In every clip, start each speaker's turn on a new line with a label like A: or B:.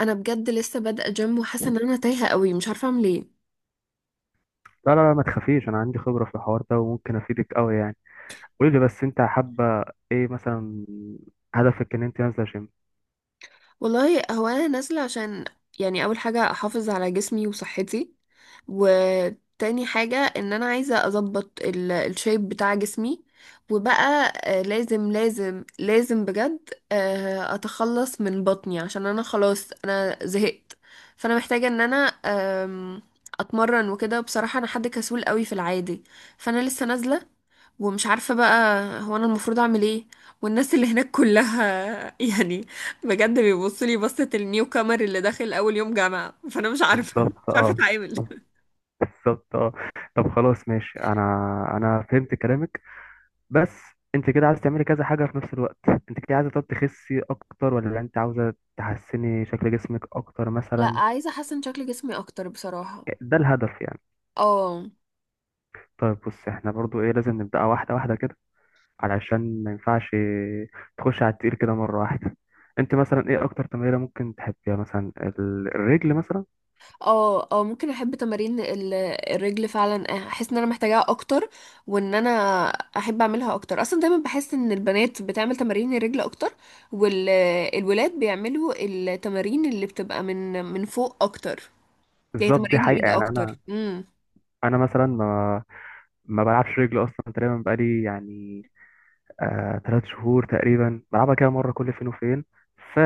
A: انا بجد لسه بادئه جيم وحاسه ان انا تايهه قوي مش عارفه اعمل ايه.
B: لا لا لا، ما تخافيش. انا عندي خبرة في الحوار ده وممكن افيدك قوي يعني. قولي لي بس، انت حابة ايه مثلا؟ هدفك ان انت نازلة جيم؟
A: والله هو انا نازله عشان يعني اول حاجه احافظ على جسمي وصحتي، وتاني حاجه ان انا عايزه اظبط الشيب بتاع جسمي، وبقى لازم لازم بجد اتخلص من بطني عشان انا خلاص انا زهقت. فانا محتاجه ان انا آم، اتمرن وكده. بصراحه انا حد كسول قوي في العادي، فانا لسه نازله ومش عارفة بقى هو أنا المفروض أعمل إيه. والناس اللي هناك كلها يعني بجد بيبصوا لي بصة النيو كامر اللي داخل أول يوم جامعة، فأنا مش عارفة
B: بالظبط،
A: مش عارفة
B: اه.
A: أتعامل.
B: بالظبط، اه. طب خلاص، ماشي. انا فهمت كلامك. بس انت كده عايزه تعملي كذا حاجه في نفس الوقت، انت كده عايزه، طب تخسي اكتر ولا انت عاوزه تحسني شكل جسمك اكتر
A: لا،
B: مثلا؟
A: عايزه احسن شكل جسمي اكتر بصراحه.
B: ده الهدف يعني.
A: اه
B: طيب بص، احنا برضو ايه، لازم نبدأ واحده واحده كده، علشان ما ينفعش تخش على التقيل كده مرة واحدة. انت مثلا ايه اكتر تمرينة ممكن تحبيها؟ مثلا ال- الرجل مثلا.
A: اه اه ممكن احب تمارين الرجل فعلا. احس ان انا محتاجاها اكتر، وان انا احب اعملها اكتر. اصلا دايما بحس ان البنات بتعمل تمارين الرجل اكتر، والولاد بيعملوا التمارين اللي بتبقى من فوق اكتر، زي
B: بالظبط، دي
A: تمارين
B: حقيقة
A: الايد
B: يعني. انا
A: اكتر.
B: انا مثلا ما بلعبش رجل اصلا تقريبا. بقالي يعني ثلاث شهور تقريبا بلعبها كده مرة كل فين وفين. ف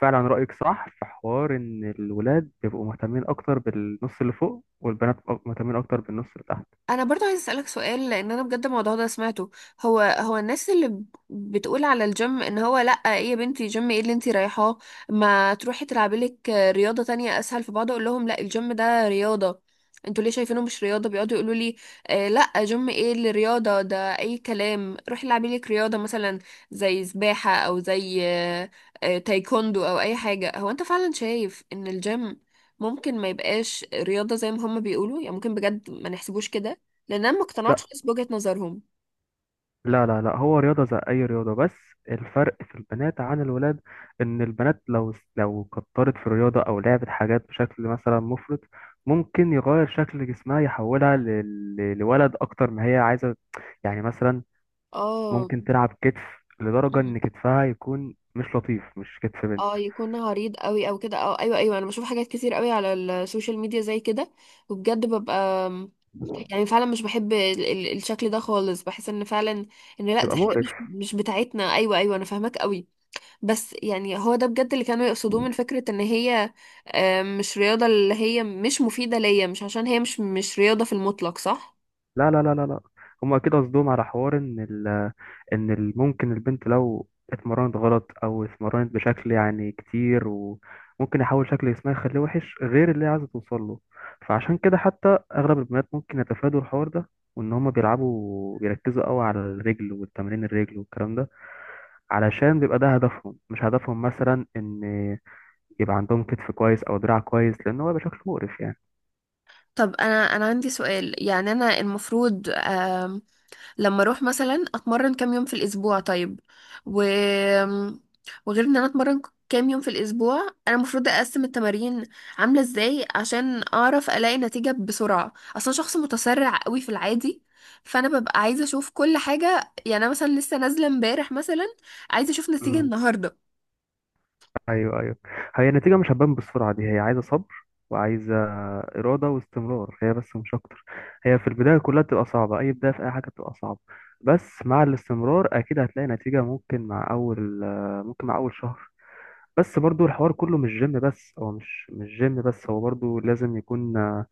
B: فعلا رأيك صح في حوار ان الولاد بيبقوا مهتمين اكتر بالنص اللي فوق، والبنات مهتمين اكتر بالنص اللي تحت.
A: انا برضو عايز اسالك سؤال، لان انا بجد الموضوع ده سمعته. هو الناس اللي بتقول على الجيم ان هو لا، ايه يا بنتي جيم؟ ايه اللي انتي رايحاه؟ ما تروحي تلعبي لك رياضه تانية اسهل. فبقعد اقول لهم لا، الجيم ده رياضه، انتوا ليه شايفينه مش رياضه؟ بيقعدوا يقولوا لي آه لا، جيم ايه اللي رياضه؟ ده اي كلام، روحي العبي لك رياضه مثلا زي سباحه او زي آه تايكوندو او اي حاجه. هو انت فعلا شايف ان الجيم ممكن ما يبقاش رياضة زي ما هم بيقولوا؟ يعني ممكن بجد ما نحسبوش كده؟ لان انا ما اقتنعتش
B: لا
A: خالص بوجهة نظرهم.
B: لا لا لا، هو رياضة زي أي رياضة. بس الفرق في البنات عن الولاد إن البنات لو كترت في الرياضة أو لعبت حاجات بشكل مثلا مفرط، ممكن يغير شكل جسمها، يحولها لولد أكتر ما هي عايزة. يعني مثلا
A: اه،
B: ممكن تلعب كتف لدرجة إن كتفها يكون مش لطيف، مش كتف
A: اه،
B: بنت.
A: يكون عريض قوي او كده. اه، ايوه ايوه، انا بشوف حاجات كتير قوي على السوشيال ميديا زي كده، وبجد ببقى يعني فعلا مش بحب الشكل ده خالص. بحس ان فعلا ان لا،
B: يبقى
A: دي حاجه
B: مقرف.
A: مش بتاعتنا. ايوه ايوه انا فاهماك قوي. بس يعني هو ده بجد اللي كانوا يقصدوه، من فكره ان هي مش رياضه، اللي هي مش مفيده ليا، مش عشان هي مش رياضه في المطلق، صح؟
B: لا لا لا لا لا، هما كده قصدهم على حوار ان ال ممكن البنت لو اتمرنت غلط او اتمرنت بشكل يعني كتير، وممكن يحول شكل جسمها يخليه وحش غير اللي هي عايزه توصل له. فعشان كده حتى اغلب البنات ممكن يتفادوا الحوار ده، وان هما بيلعبوا بيركزوا قوي على الرجل والتمرين الرجل والكلام ده، علشان بيبقى ده هدفهم، مش هدفهم مثلا ان يبقى عندهم كتف كويس او دراع كويس، لان هو بيبقى شكله مقرف.
A: طب انا عندي سؤال. يعني انا المفروض لما اروح مثلا اتمرن كام يوم في الاسبوع؟ طيب و... وغير ان انا اتمرن كام يوم في الاسبوع، انا المفروض اقسم التمارين عامله ازاي؟ عشان اعرف الاقي نتيجه بسرعه. اصلا شخص متسرع قوي في العادي، فانا ببقى عايزه اشوف كل حاجه. يعني انا مثلا لسه نازله امبارح مثلا، عايزه اشوف نتيجه
B: يعني،
A: النهارده.
B: ايوه ايوه. هي النتيجه مش هتبان بالسرعه دي. هي عايزه صبر وعايزه اراده واستمرار، هي بس مش اكتر. هي في البدايه كلها بتبقى صعبه، اي بدايه في اي حاجه بتبقى صعبه. بس مع الاستمرار اكيد هتلاقي نتيجه، ممكن مع اول، ممكن مع اول شهر. بس برضو الحوار كله مش جيم بس. هو مش جيم بس، هو برضو لازم يكون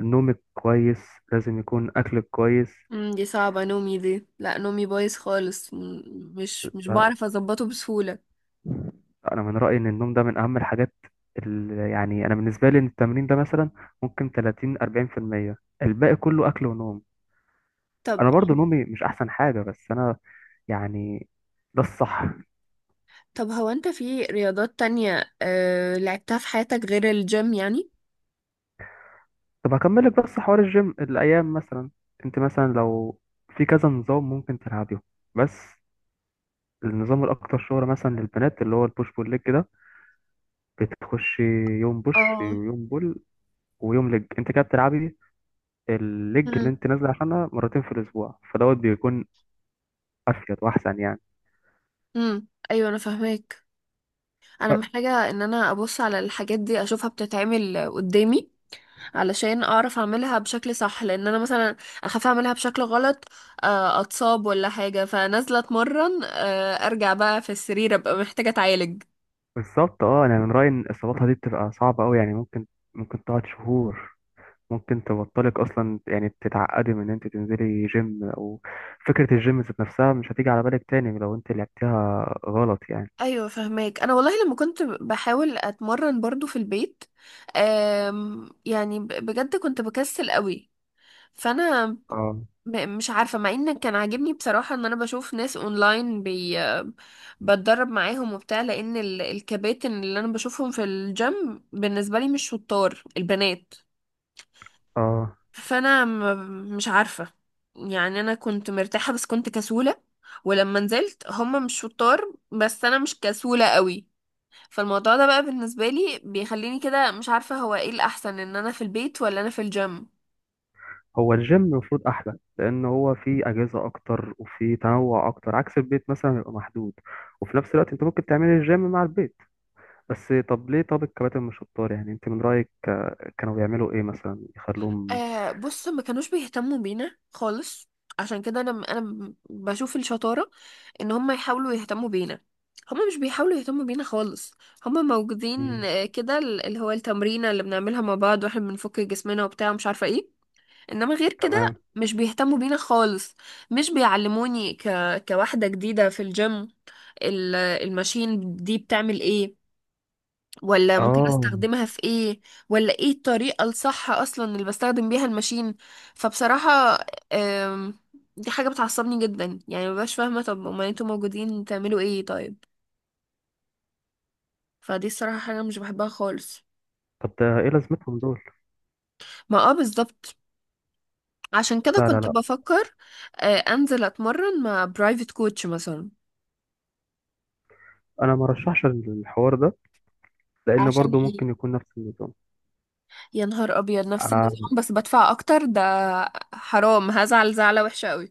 B: نومك كويس، لازم يكون اكلك كويس.
A: دي صعبه. نومي دي لا، نومي بايظ خالص، مش بعرف اظبطه بسهوله.
B: انا من رايي ان النوم ده من اهم الحاجات، اللي يعني انا بالنسبه لي، إن التمرين ده مثلا ممكن 30 40%، الباقي كله اكل ونوم.
A: طب
B: انا برضو نومي مش احسن حاجه، بس انا يعني ده الصح.
A: هو انت في رياضات تانية لعبتها في حياتك غير الجيم يعني؟
B: طب هكمل لك بس حوار الجيم. الايام مثلا انت مثلا لو في كذا نظام ممكن تلعبيه، بس النظام الاكتر شهرة مثلا للبنات اللي هو البوش بول ليج ده، بتخش يوم بوش
A: اه.
B: ويوم بول ويوم ليج. انت كده بتلعبي الليج اللي
A: مم.
B: انت نازله عشانها مرتين في الاسبوع، فدوت بيكون افيد واحسن يعني.
A: مم. ايوه انا فاهماك. انا
B: ب-
A: محتاجة ان انا ابص على الحاجات دي، اشوفها بتتعمل قدامي علشان اعرف اعملها بشكل صح، لان انا مثلا اخاف اعملها بشكل غلط، اتصاب ولا حاجة، فنازلة اتمرن ارجع بقى في السرير ابقى محتاجة اتعالج.
B: بالظبط، اه. انا من رايي ان اصاباتها دي بتبقى صعبه قوي يعني، ممكن تقعد شهور، ممكن تبطلك اصلا. يعني تتعقدي من ان انت تنزلي جيم، او فكره الجيم ذات نفسها مش هتيجي على بالك تاني لو انت لعبتها غلط يعني.
A: ايوه فهماك. انا والله لما كنت بحاول اتمرن برضو في البيت، يعني بجد كنت بكسل قوي. فانا
B: اه،
A: مش عارفه، مع ان كان عاجبني بصراحه ان انا بشوف ناس اونلاين بتدرب معاهم وبتاع، لان الكباتن اللي انا بشوفهم في الجيم بالنسبه لي مش شطار البنات.
B: اه.
A: فانا مش عارفه. يعني انا كنت مرتاحه بس كنت كسوله، ولما نزلت هما مش شطار بس انا مش كسوله قوي. فالموضوع ده بقى بالنسبه لي بيخليني كده مش عارفه هو ايه الاحسن، ان انا في البيت ولا انا في الجيم.
B: هو الجيم المفروض احلى لان هو فيه اجهزه اكتر وفيه تنوع اكتر، عكس البيت مثلا بيبقى محدود. وفي نفس الوقت انت ممكن تعملي الجيم مع البيت. بس طب ليه؟ طب الكباتن مش شطار يعني؟ انت من رأيك كانوا بيعملوا ايه مثلا يخلوهم؟
A: آه بص، ما كانوش بيهتموا بينا خالص. عشان كده انا بشوف الشطارة ان هم يحاولوا يهتموا بينا. هم مش بيحاولوا يهتموا بينا خالص. هم موجودين
B: مم،
A: كده، اللي هو التمرينة اللي بنعملها مع بعض واحنا بنفك جسمنا وبتاع ومش عارفة ايه، انما غير كده
B: تمام.
A: مش بيهتموا بينا خالص. مش بيعلموني كواحدة جديدة في الجيم، الماشين دي بتعمل ايه، ولا ممكن
B: اه.
A: استخدمها في ايه، ولا ايه الطريقة الصح اصلا اللي بستخدم بيها الماشين. فبصراحة أم، دي حاجة بتعصبني جدا. يعني مبقاش فاهمة، طب امال انتوا موجودين تعملوا ايه طيب؟ فدي الصراحة حاجة مش بحبها خالص.
B: طب ده ايه لازمتهم دول؟
A: ما اه، بالظبط. عشان كده
B: لا لا
A: كنت
B: لا،
A: بفكر انزل اتمرن مع برايفت كوتش مثلا.
B: انا ما رشحش الحوار ده، لان
A: عشان
B: برضو
A: ايه؟
B: ممكن يكون نفس النظام.
A: يا نهار ابيض، نفس
B: آه،
A: النظام بس بدفع اكتر ده؟ حرام، هزعل زعلة وحشة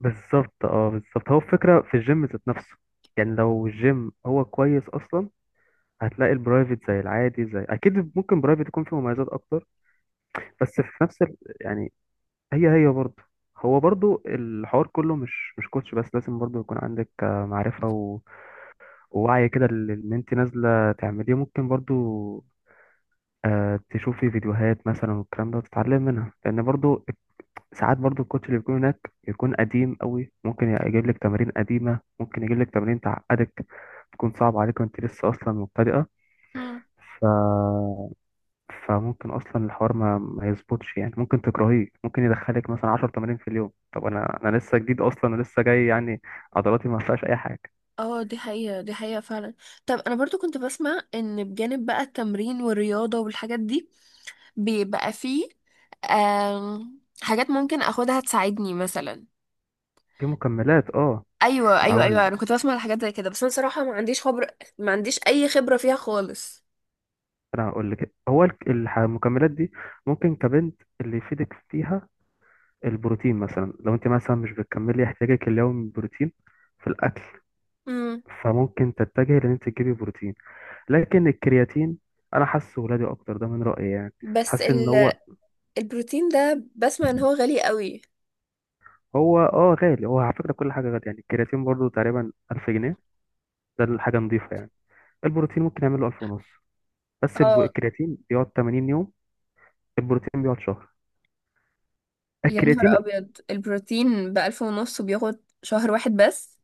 B: بالظبط، اه. بالظبط، هو الفكرة في الجيم ذات نفسه. يعني لو الجيم هو كويس اصلا، هتلاقي البرايفت زي العادي زي، اكيد ممكن برايفت يكون فيه مميزات اكتر، بس في نفس ال، يعني هي هي برضه هو برضه الحوار كله مش كوتش بس. لازم برضه يكون عندك معرفة ووعي كده لل- اللي انت نازلة تعمليه. ممكن برضه تشوفي فيديوهات مثلا والكلام ده وتتعلم منها، لأن برضه ساعات برضه الكوتش اللي بيكون هناك بيكون قديم قوي، ممكن يجيب لك تمارين قديمة، ممكن يجيب لك تمارين تعقدك، تكون صعبة عليك وانت لسه أصلا مبتدئة.
A: قوي.
B: فممكن اصلا الحوار ما يظبطش يعني، ممكن تكرهيه، ممكن يدخلك مثلا 10 تمارين في اليوم. طب انا لسه جديد اصلا ولسه جاي يعني، عضلاتي ما فيهاش اي حاجه.
A: اه دي حقيقة، دي حقيقة فعلا. طب انا برضو كنت بسمع ان بجانب بقى التمرين والرياضة والحاجات دي بيبقى فيه حاجات ممكن اخدها تساعدني مثلا.
B: في مكملات، اه.
A: ايوه ايوه
B: هقول،
A: ايوه، انا كنت بسمع على حاجات زي كده، بس انا صراحة ما عنديش خبرة، ما عنديش اي خبرة فيها خالص.
B: انا هقول لك، هو المكملات دي ممكن كبنت اللي يفيدك فيها البروتين. مثلا لو انت مثلا مش بتكملي احتياجك اليومي من البروتين في الاكل،
A: امم،
B: فممكن تتجهي لان انت تجيبي بروتين. لكن الكرياتين انا حاسه ولادي اكتر، ده من رايي يعني.
A: بس
B: حاسس ان
A: ال...
B: هو
A: البروتين ده بسمع ان هو غالي قوي.
B: اه، غالي. هو على فكرة كل حاجة غالية يعني. الكرياتين برضو تقريبا 1000 جنيه، ده الحاجة نظيفة يعني. البروتين ممكن يعمل له 1000 ونص، بس
A: اه
B: الكرياتين بيقعد 80 يوم، البروتين بيقعد شهر.
A: يا نهار
B: الكرياتين،
A: ابيض، البروتين بألف ونص وبياخد شهر واحد بس؟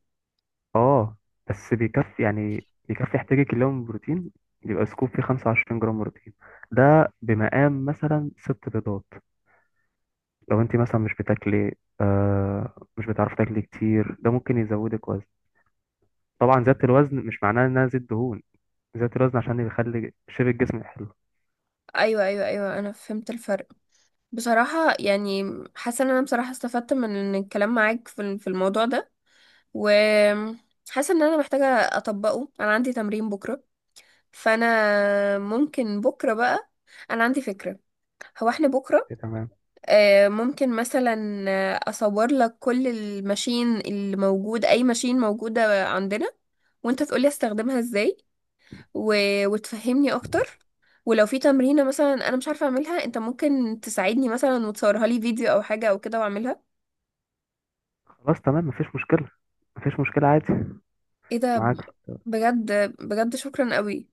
B: اه. بس بيكفي يعني، بيكفي احتياجك اليوم بروتين. بيبقى سكوب فيه 25 جرام بروتين، ده بمقام مثلا ست بيضات. لو انت مثلا مش بتاكلي، مش بتعرفي تاكلي كتير، ده ممكن يزودك وزن. طبعا زيادة الوزن مش معناها انها زيت دهون، زيادة الوزن عشان يخلي شيب الجسم حلو.
A: ايوه ايوه ايوه انا فهمت الفرق. بصراحة يعني حاسة ان انا بصراحة استفدت من إن الكلام معاك في في الموضوع ده، وحاسة ان انا محتاجة اطبقه. انا عندي تمرين بكرة، فانا ممكن بكرة بقى، انا عندي فكرة. هو احنا بكرة
B: تمام.
A: ممكن مثلا اصور لك كل الماشين اللي موجود، اي ماشين موجودة عندنا، وانت تقولي استخدمها ازاي و... وتفهمني اكتر. ولو في تمرينة مثلا انا مش عارفة اعملها، انت ممكن تساعدني مثلا وتصورها لي فيديو او حاجة او كده واعملها.
B: خلاص، تمام. مفيش مشكلة، مفيش مشكلة عادي،
A: ايه ده
B: معاك.
A: بجد، بجد شكرا قوي.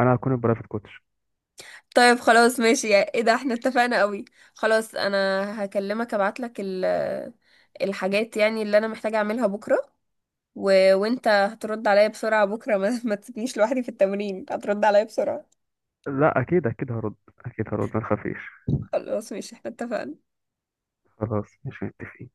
B: أنا هكون البرايفت كوتش.
A: طيب خلاص ماشي ايه ده احنا اتفقنا قوي. خلاص انا هكلمك، ابعتلك الحاجات يعني اللي انا محتاجة اعملها بكرة، وانت هترد عليا بسرعة بكرة. ما تسيبنيش لوحدي في التمرين، هترد عليا بسرعة.
B: لا، أكيد أكيد هرد، أكيد هرد، ما تخافيش.
A: خلاص ماشي احنا اتفقنا.
B: خلاص، مش متفقين.